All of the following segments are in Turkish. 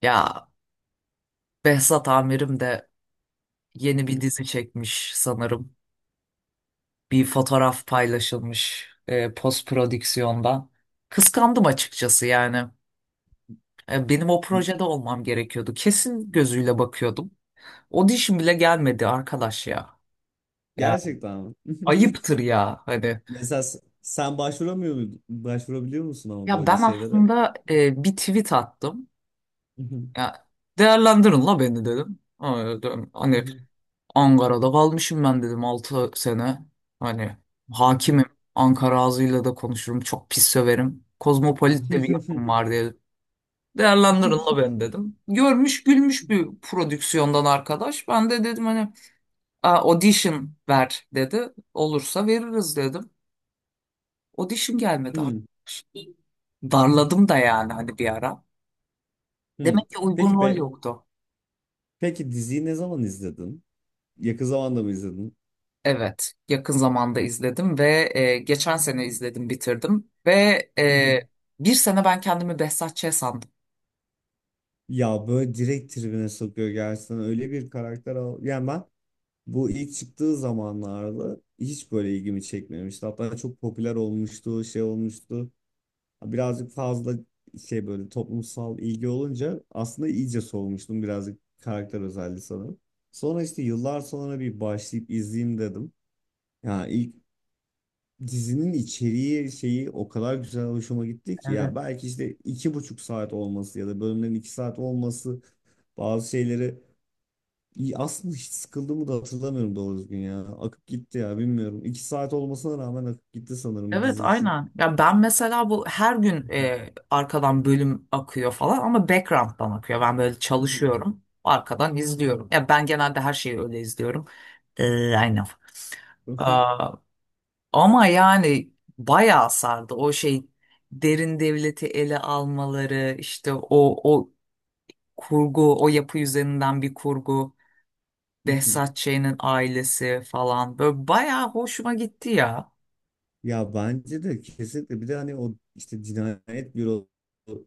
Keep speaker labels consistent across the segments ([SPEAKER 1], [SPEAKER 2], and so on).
[SPEAKER 1] Ya Behzat amirim de yeni bir dizi çekmiş sanırım. Bir fotoğraf paylaşılmış post prodüksiyonda. Kıskandım açıkçası yani. Benim o projede olmam gerekiyordu. Kesin gözüyle bakıyordum. Audition bile gelmedi arkadaş ya. Ya
[SPEAKER 2] Gerçekten mi?
[SPEAKER 1] ayıptır ya hani.
[SPEAKER 2] Mesela sen başvuramıyor muydun? Başvurabiliyor musun ama
[SPEAKER 1] Ya
[SPEAKER 2] böyle
[SPEAKER 1] ben
[SPEAKER 2] şeylere?
[SPEAKER 1] aslında bir tweet attım. Ya, değerlendirin la beni dedim. Hani, Ankara'da kalmışım ben dedim 6 sene. Hani hakimim. Ankara ağzıyla da konuşurum. Çok pis söverim. Kozmopolit de bir yapım var diye. Değerlendirin la ben dedim. Görmüş gülmüş bir prodüksiyondan arkadaş. Ben de dedim hani, "Aa, audition ver dedi. Olursa veririz dedim." Audition gelmedi
[SPEAKER 2] Hmm,
[SPEAKER 1] arkadaş. Darladım da yani hani bir ara.
[SPEAKER 2] hmm.
[SPEAKER 1] Demek ki uygun
[SPEAKER 2] Peki
[SPEAKER 1] rol
[SPEAKER 2] be,
[SPEAKER 1] yoktu.
[SPEAKER 2] peki diziyi ne zaman izledin? Yakın zamanda mı izledin?
[SPEAKER 1] Evet, yakın zamanda izledim ve geçen sene izledim, bitirdim ve e, bir sene ben kendimi Behzat Ç. sandım.
[SPEAKER 2] Ya böyle direkt tribüne sokuyor gerçekten öyle bir karakter al. Yani ben bu ilk çıktığı zamanlarda hiç böyle ilgimi çekmemişti. Hatta çok popüler olmuştu, şey olmuştu. Birazcık fazla şey böyle toplumsal ilgi olunca aslında iyice soğumuştum birazcık karakter özelliği sanırım. Sonra işte yıllar sonra bir başlayıp izleyeyim dedim. Ya ilk dizinin içeriği şeyi o kadar güzel hoşuma gitti ki.
[SPEAKER 1] Evet.
[SPEAKER 2] Yani belki işte iki buçuk saat olması ya da bölümlerin iki saat olması bazı şeyleri İyi, aslında hiç sıkıldığımı da hatırlamıyorum doğru düzgün ya. Akıp gitti ya bilmiyorum. İki saat olmasına rağmen akıp gitti sanırım
[SPEAKER 1] Evet,
[SPEAKER 2] dizi için.
[SPEAKER 1] aynen. Ya ben mesela bu her gün arkadan bölüm akıyor falan ama background'dan akıyor. Ben böyle çalışıyorum, arkadan izliyorum. Ya, ben genelde her şeyi öyle izliyorum. Aynen. Aa, ama yani bayağı sardı o şey, derin devleti ele almaları, işte o kurgu, o yapı üzerinden bir kurgu. Behzat Ç'nin ailesi falan. Böyle bayağı hoşuma gitti ya.
[SPEAKER 2] Ya bence de kesinlikle bir de hani o işte cinayet büro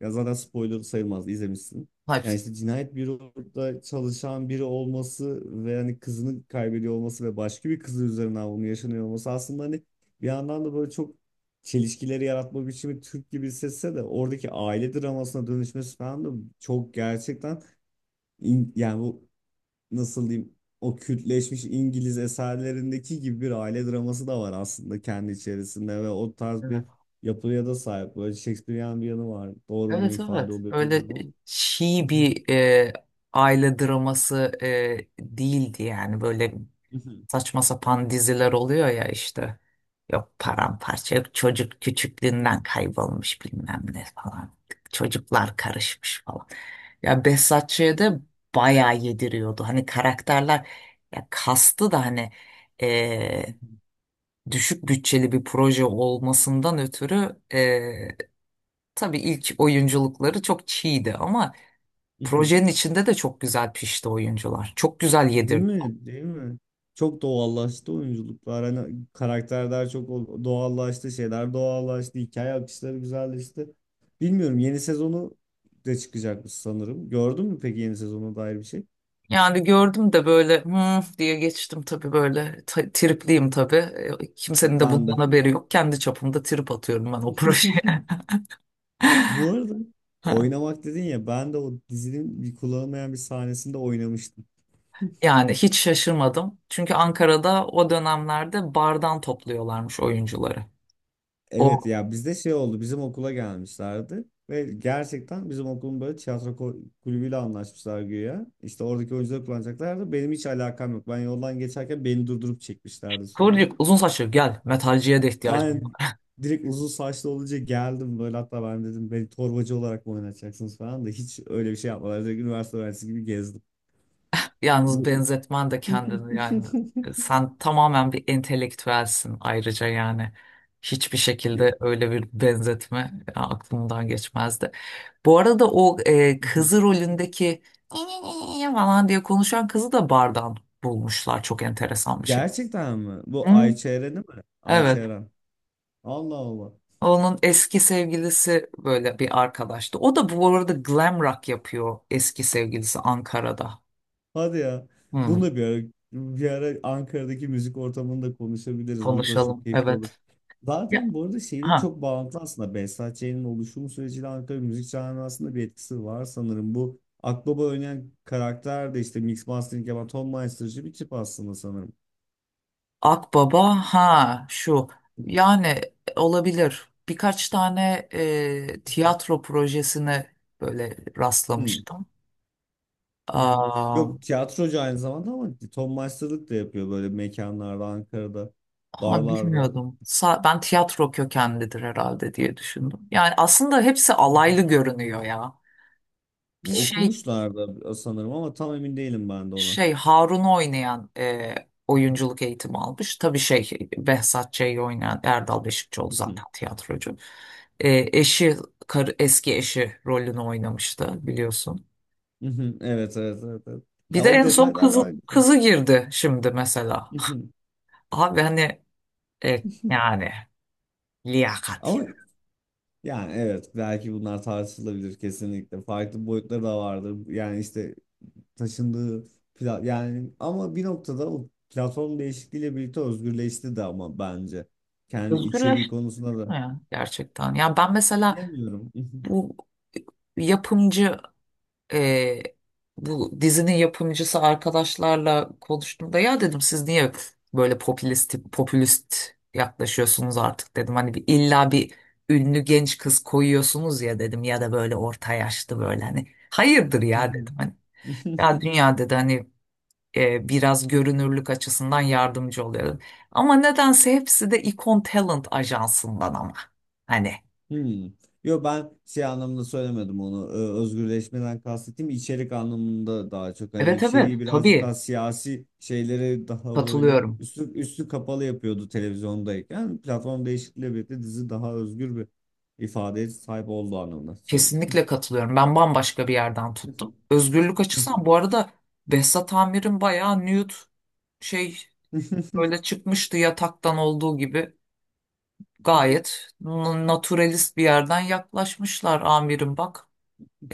[SPEAKER 2] ya zaten spoiler sayılmaz izlemişsin. Yani
[SPEAKER 1] Hepsi.
[SPEAKER 2] işte cinayet büroda çalışan biri olması ve hani kızını kaybediyor olması ve başka bir kızı üzerinden bunun yaşanıyor olması aslında hani bir yandan da böyle çok çelişkileri yaratma biçimi Türk gibi hissetse de oradaki aile dramasına dönüşmesi falan da çok gerçekten yani bu nasıl diyeyim o kültleşmiş İngiliz eserlerindeki gibi bir aile draması da var aslında kendi içerisinde ve o tarz
[SPEAKER 1] Evet.
[SPEAKER 2] bir yapıya da sahip. Böyle Shakespearean bir yanı var. Doğru mu
[SPEAKER 1] Evet,
[SPEAKER 2] ifade
[SPEAKER 1] evet.
[SPEAKER 2] oluyor
[SPEAKER 1] Öyle
[SPEAKER 2] bilmiyorum ama.
[SPEAKER 1] çiğ bir aile draması değildi yani, böyle saçma sapan diziler oluyor ya işte. Yok paramparça, yok çocuk küçüklüğünden kaybolmuş bilmem ne falan. Çocuklar karışmış falan. Ya, Behzat Ç'de bayağı yediriyordu. Hani karakterler, ya kastı da hani, eee, düşük bütçeli bir proje olmasından ötürü tabii ilk oyunculukları çok çiğdi ama projenin içinde de çok güzel pişti oyuncular. Çok güzel
[SPEAKER 2] Değil
[SPEAKER 1] yedirdi.
[SPEAKER 2] mi? Değil mi? Çok doğallaştı oyunculuklar. Hani karakterler çok doğallaştı, şeyler doğallaştı, hikaye akışları güzelleşti. Bilmiyorum yeni sezonu de çıkacakmış sanırım. Gördün mü peki yeni sezona dair bir şey?
[SPEAKER 1] Yani gördüm de böyle hmm diye geçtim tabii, böyle tripliyim tabii. Kimsenin de
[SPEAKER 2] Ben
[SPEAKER 1] bundan
[SPEAKER 2] de.
[SPEAKER 1] haberi yok. Kendi çapımda trip atıyorum ben o projeye.
[SPEAKER 2] Bu arada
[SPEAKER 1] Ha.
[SPEAKER 2] oynamak dedin ya ben de o dizinin bir kullanılmayan bir sahnesinde oynamıştım.
[SPEAKER 1] Yani hiç şaşırmadım. Çünkü Ankara'da o dönemlerde bardan topluyorlarmış oyuncuları.
[SPEAKER 2] Evet
[SPEAKER 1] O
[SPEAKER 2] ya bizde şey oldu bizim okula gelmişlerdi ve gerçekten bizim okulun böyle tiyatro kulübüyle anlaşmışlar güya. İşte oradaki oyuncuları kullanacaklardı. Benim hiç alakam yok. Ben yoldan geçerken beni durdurup çekmişlerdi sonra.
[SPEAKER 1] kıvırcık uzun saçlı, gel, metalciye de ihtiyacım
[SPEAKER 2] Aynen
[SPEAKER 1] var.
[SPEAKER 2] direkt uzun saçlı olunca geldim böyle hatta ben dedim beni torbacı olarak mı oynatacaksınız falan da hiç öyle bir şey yapmadılar. Direkt üniversite öğrencisi gibi gezdim.
[SPEAKER 1] Yalnız
[SPEAKER 2] Bu...
[SPEAKER 1] benzetmen de kendini yani. Sen tamamen bir entelektüelsin ayrıca yani. Hiçbir
[SPEAKER 2] Ya.
[SPEAKER 1] şekilde öyle bir benzetme aklımdan geçmezdi. Bu arada o kızı rolündeki "İyi" falan diye konuşan kızı da bardan bulmuşlar. Çok enteresan bir şey.
[SPEAKER 2] Gerçekten mi? Bu
[SPEAKER 1] Hı,
[SPEAKER 2] Ayçeren'i mi?
[SPEAKER 1] evet.
[SPEAKER 2] Ayçeren. Allah Allah.
[SPEAKER 1] Onun eski sevgilisi böyle bir arkadaştı. O da bu arada glam rock yapıyor, eski sevgilisi Ankara'da.
[SPEAKER 2] Hadi ya. Bunu
[SPEAKER 1] Hı,
[SPEAKER 2] da bir ara, bir ara Ankara'daki müzik ortamında konuşabiliriz. Bu da çok
[SPEAKER 1] konuşalım.
[SPEAKER 2] keyifli olur.
[SPEAKER 1] Evet. Ya,
[SPEAKER 2] Zaten bu arada şeyle
[SPEAKER 1] ha.
[SPEAKER 2] çok bağlantılı aslında. Behzat Ç'nin oluşum süreciyle Ankara müzik camiasında bir etkisi var sanırım. Bu Akbaba oynayan karakter de işte mix mastering yapan Tom Meister'cı bir tip aslında sanırım.
[SPEAKER 1] Akbaba, ha, şu. Yani olabilir. Birkaç tane tiyatro projesine böyle
[SPEAKER 2] Hmm.
[SPEAKER 1] rastlamıştım. Aa,
[SPEAKER 2] Yok tiyatrocu aynı zamanda ama Tom Meister'lık da yapıyor böyle mekanlarda, Ankara'da,
[SPEAKER 1] ha,
[SPEAKER 2] barlarda.
[SPEAKER 1] bilmiyordum. Ben tiyatro kökenlidir herhalde diye düşündüm. Yani aslında hepsi alaylı görünüyor ya. Bir şey,
[SPEAKER 2] Okumuşlardı sanırım ama tam emin değilim ben de ona.
[SPEAKER 1] Harun'u oynayan oyunculuk eğitimi almış. Tabii şey, Behzat Ç'yi oynayan Erdal Beşikçioğlu
[SPEAKER 2] Mhm,
[SPEAKER 1] zaten tiyatrocu. Eşi, karı, eski eşi rolünü oynamıştı
[SPEAKER 2] mhm,
[SPEAKER 1] biliyorsun.
[SPEAKER 2] mhm. Evet evet evet. Evet.
[SPEAKER 1] Bir
[SPEAKER 2] Ya
[SPEAKER 1] de
[SPEAKER 2] o
[SPEAKER 1] en son
[SPEAKER 2] detaylar
[SPEAKER 1] kızı,
[SPEAKER 2] farklı.
[SPEAKER 1] kızı girdi şimdi mesela.
[SPEAKER 2] Mhm.
[SPEAKER 1] Abi hani, yani liyakat ya.
[SPEAKER 2] Ama yani evet belki bunlar tartışılabilir kesinlikle. Farklı boyutları da vardır. Yani işte taşındığı yani ama bir noktada o platform değişikliğiyle birlikte özgürleşti de ama bence. Kendi içeriği
[SPEAKER 1] Özgürleşti
[SPEAKER 2] konusunda
[SPEAKER 1] mi
[SPEAKER 2] da
[SPEAKER 1] ya gerçekten? Ya ben mesela,
[SPEAKER 2] bilemiyorum.
[SPEAKER 1] Bu yapımcı e, bu dizinin yapımcısı arkadaşlarla konuştuğumda ya dedim, siz niye böyle popülist popülist yaklaşıyorsunuz artık dedim. Hani bir, illa bir ünlü genç kız koyuyorsunuz ya dedim, ya da böyle orta yaşlı, böyle, hani hayırdır ya dedim. Hani, ya dünya dedi hani, biraz görünürlük açısından yardımcı oluyor dedim. Ama nedense hepsi de Icon Talent ajansından, ama hani.
[SPEAKER 2] Hmm. Yo ben şey anlamında söylemedim onu. Özgürleşmeden kastettiğim içerik anlamında daha çok hani
[SPEAKER 1] Evet, evet,
[SPEAKER 2] içeriği birazcık
[SPEAKER 1] tabii,
[SPEAKER 2] daha siyasi şeylere daha böyle
[SPEAKER 1] katılıyorum.
[SPEAKER 2] üstü üstü kapalı yapıyordu televizyondayken. Platform değişikliğiyle birlikte dizi daha özgür bir ifadeye sahip olduğu anlamında söyledim.
[SPEAKER 1] Kesinlikle katılıyorum. Ben bambaşka bir yerden tuttum. Özgürlük açısından, bu arada, Behzat Amir'in bayağı nude şey böyle çıkmıştı, yataktan olduğu gibi. Gayet naturalist bir yerden yaklaşmışlar, amirim bak.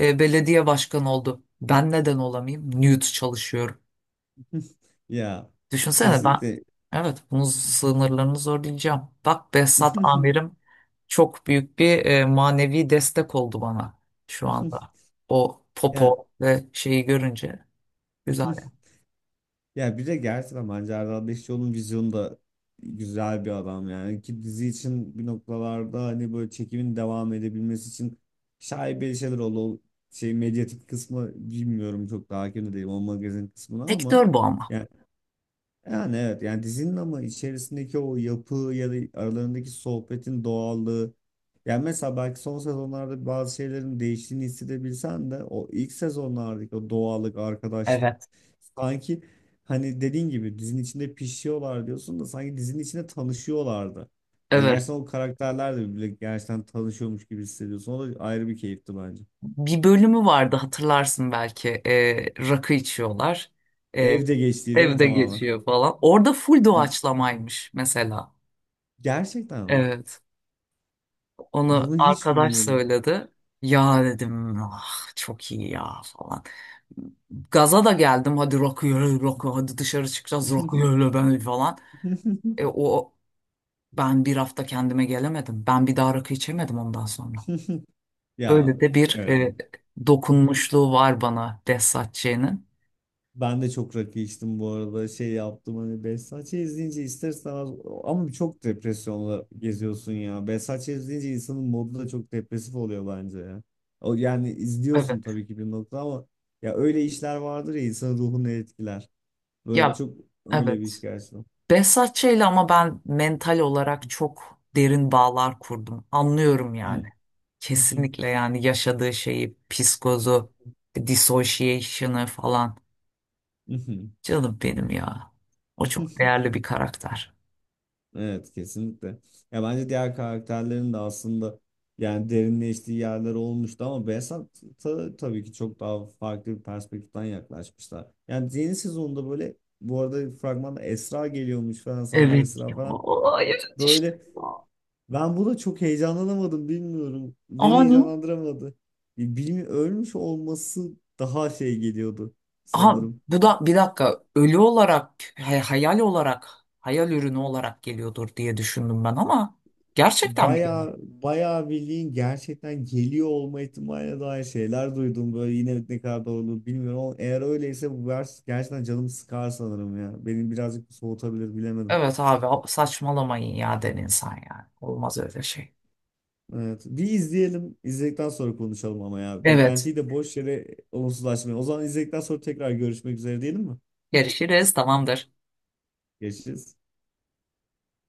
[SPEAKER 1] Belediye başkanı oldu. Ben neden olamayayım? Nude çalışıyorum.
[SPEAKER 2] Ya
[SPEAKER 1] Düşünsene ben,
[SPEAKER 2] kesinlikle.
[SPEAKER 1] evet, bunun sınırlarını zorlayacağım. Bak, Behzat amirim çok büyük bir manevi destek oldu bana şu anda. O
[SPEAKER 2] Ya
[SPEAKER 1] popo ve şeyi görünce, güzel, yani.
[SPEAKER 2] Ya bir de gerçekten bence Erdal Beşikçioğlu'nun vizyonu da güzel bir adam yani ki dizi için bir noktalarda hani böyle çekimin devam edebilmesi için şaibeli şeyler oldu. O şey medyatik kısmı bilmiyorum çok daha hakim de değilim o magazin kısmına ama
[SPEAKER 1] Sektör bu ama.
[SPEAKER 2] yani evet yani dizinin ama içerisindeki o yapı ya da aralarındaki sohbetin doğallığı yani mesela belki son sezonlarda bazı şeylerin değiştiğini hissedebilsen de o ilk sezonlardaki o doğallık, arkadaşlık
[SPEAKER 1] Evet.
[SPEAKER 2] sanki hani dediğin gibi dizinin içinde pişiyorlar diyorsun da sanki dizinin içinde tanışıyorlardı. Yani
[SPEAKER 1] Evet.
[SPEAKER 2] gerçekten o karakterler de birbiriyle gerçekten tanışıyormuş gibi hissediyorsun. O da ayrı bir keyifti bence.
[SPEAKER 1] Bir bölümü vardı, hatırlarsın belki. Rakı içiyorlar. E,
[SPEAKER 2] Evde geçtiği değil mi
[SPEAKER 1] evde
[SPEAKER 2] tamamen?
[SPEAKER 1] geçiyor falan. Orada full doğaçlamaymış mesela.
[SPEAKER 2] Gerçekten mi?
[SPEAKER 1] Evet. Onu
[SPEAKER 2] Bunu hiç
[SPEAKER 1] arkadaş
[SPEAKER 2] bilmiyordum.
[SPEAKER 1] söyledi. Ya, dedim, ah, çok iyi ya falan. Gaza da geldim. Hadi rakı, rakı, hadi dışarı çıkacağız rakı, öyle ben falan. O ben bir hafta kendime gelemedim. Ben bir daha rakı içemedim ondan sonra.
[SPEAKER 2] Ya
[SPEAKER 1] Öyle de bir
[SPEAKER 2] evet.
[SPEAKER 1] dokunmuşluğu var bana Behzatçı'nın.
[SPEAKER 2] Ben de çok rakı içtim bu arada. Şey yaptım hani Behzat Ç. izleyince ister istemez ama çok depresyonla geziyorsun ya. Behzat Ç. izleyince insanın modu da çok depresif oluyor bence ya. O yani izliyorsun
[SPEAKER 1] Evet.
[SPEAKER 2] tabii ki bir nokta ama ya öyle işler vardır ya insanın ruhunu etkiler. Böyle
[SPEAKER 1] Ya,
[SPEAKER 2] çok öyle bir iş
[SPEAKER 1] evet.
[SPEAKER 2] gerçekten.
[SPEAKER 1] Behzatçı'yla ama ben mental olarak çok derin bağlar kurdum. Anlıyorum yani. Kesinlikle, yani yaşadığı şeyi, psikozu, dissociation'ı falan.
[SPEAKER 2] Hmm.
[SPEAKER 1] Canım benim ya. O çok değerli bir karakter.
[SPEAKER 2] Evet kesinlikle. Ya bence diğer karakterlerin de aslında yani derinleştiği yerler olmuştu ama Behzat'a tabii ki çok daha farklı bir perspektiften yaklaşmışlar. Yani yeni sezonda böyle bu arada fragmanda Esra geliyormuş falan sadece
[SPEAKER 1] Evet.
[SPEAKER 2] Esra falan.
[SPEAKER 1] Aa, evet işte.
[SPEAKER 2] Böyle ben buna çok heyecanlanamadım bilmiyorum. Beni
[SPEAKER 1] Ani.
[SPEAKER 2] heyecanlandıramadı. Bilmi ölmüş olması daha şey geliyordu
[SPEAKER 1] Aha,
[SPEAKER 2] sanırım.
[SPEAKER 1] bu da bir dakika ölü olarak hayal olarak, hayal ürünü olarak geliyordur diye düşündüm ben, ama gerçekten mi geliyor?
[SPEAKER 2] Bayağı bayağı bildiğin gerçekten geliyor olma ihtimaline dair şeyler duydum böyle yine ne kadar doğru bilmiyorum ama eğer öyleyse bu vers gerçekten canımı sıkar sanırım ya. Beni birazcık soğutabilir bilemedim.
[SPEAKER 1] Evet abi, saçmalamayın ya, den insan yani. Olmaz öyle şey.
[SPEAKER 2] Evet. Bir izleyelim. İzledikten sonra konuşalım ama ya.
[SPEAKER 1] Evet.
[SPEAKER 2] Beklentiyi de boş yere olumsuzlaşmayalım. O zaman izledikten sonra tekrar görüşmek üzere diyelim mi?
[SPEAKER 1] Görüşürüz. Tamamdır.
[SPEAKER 2] Görüşürüz.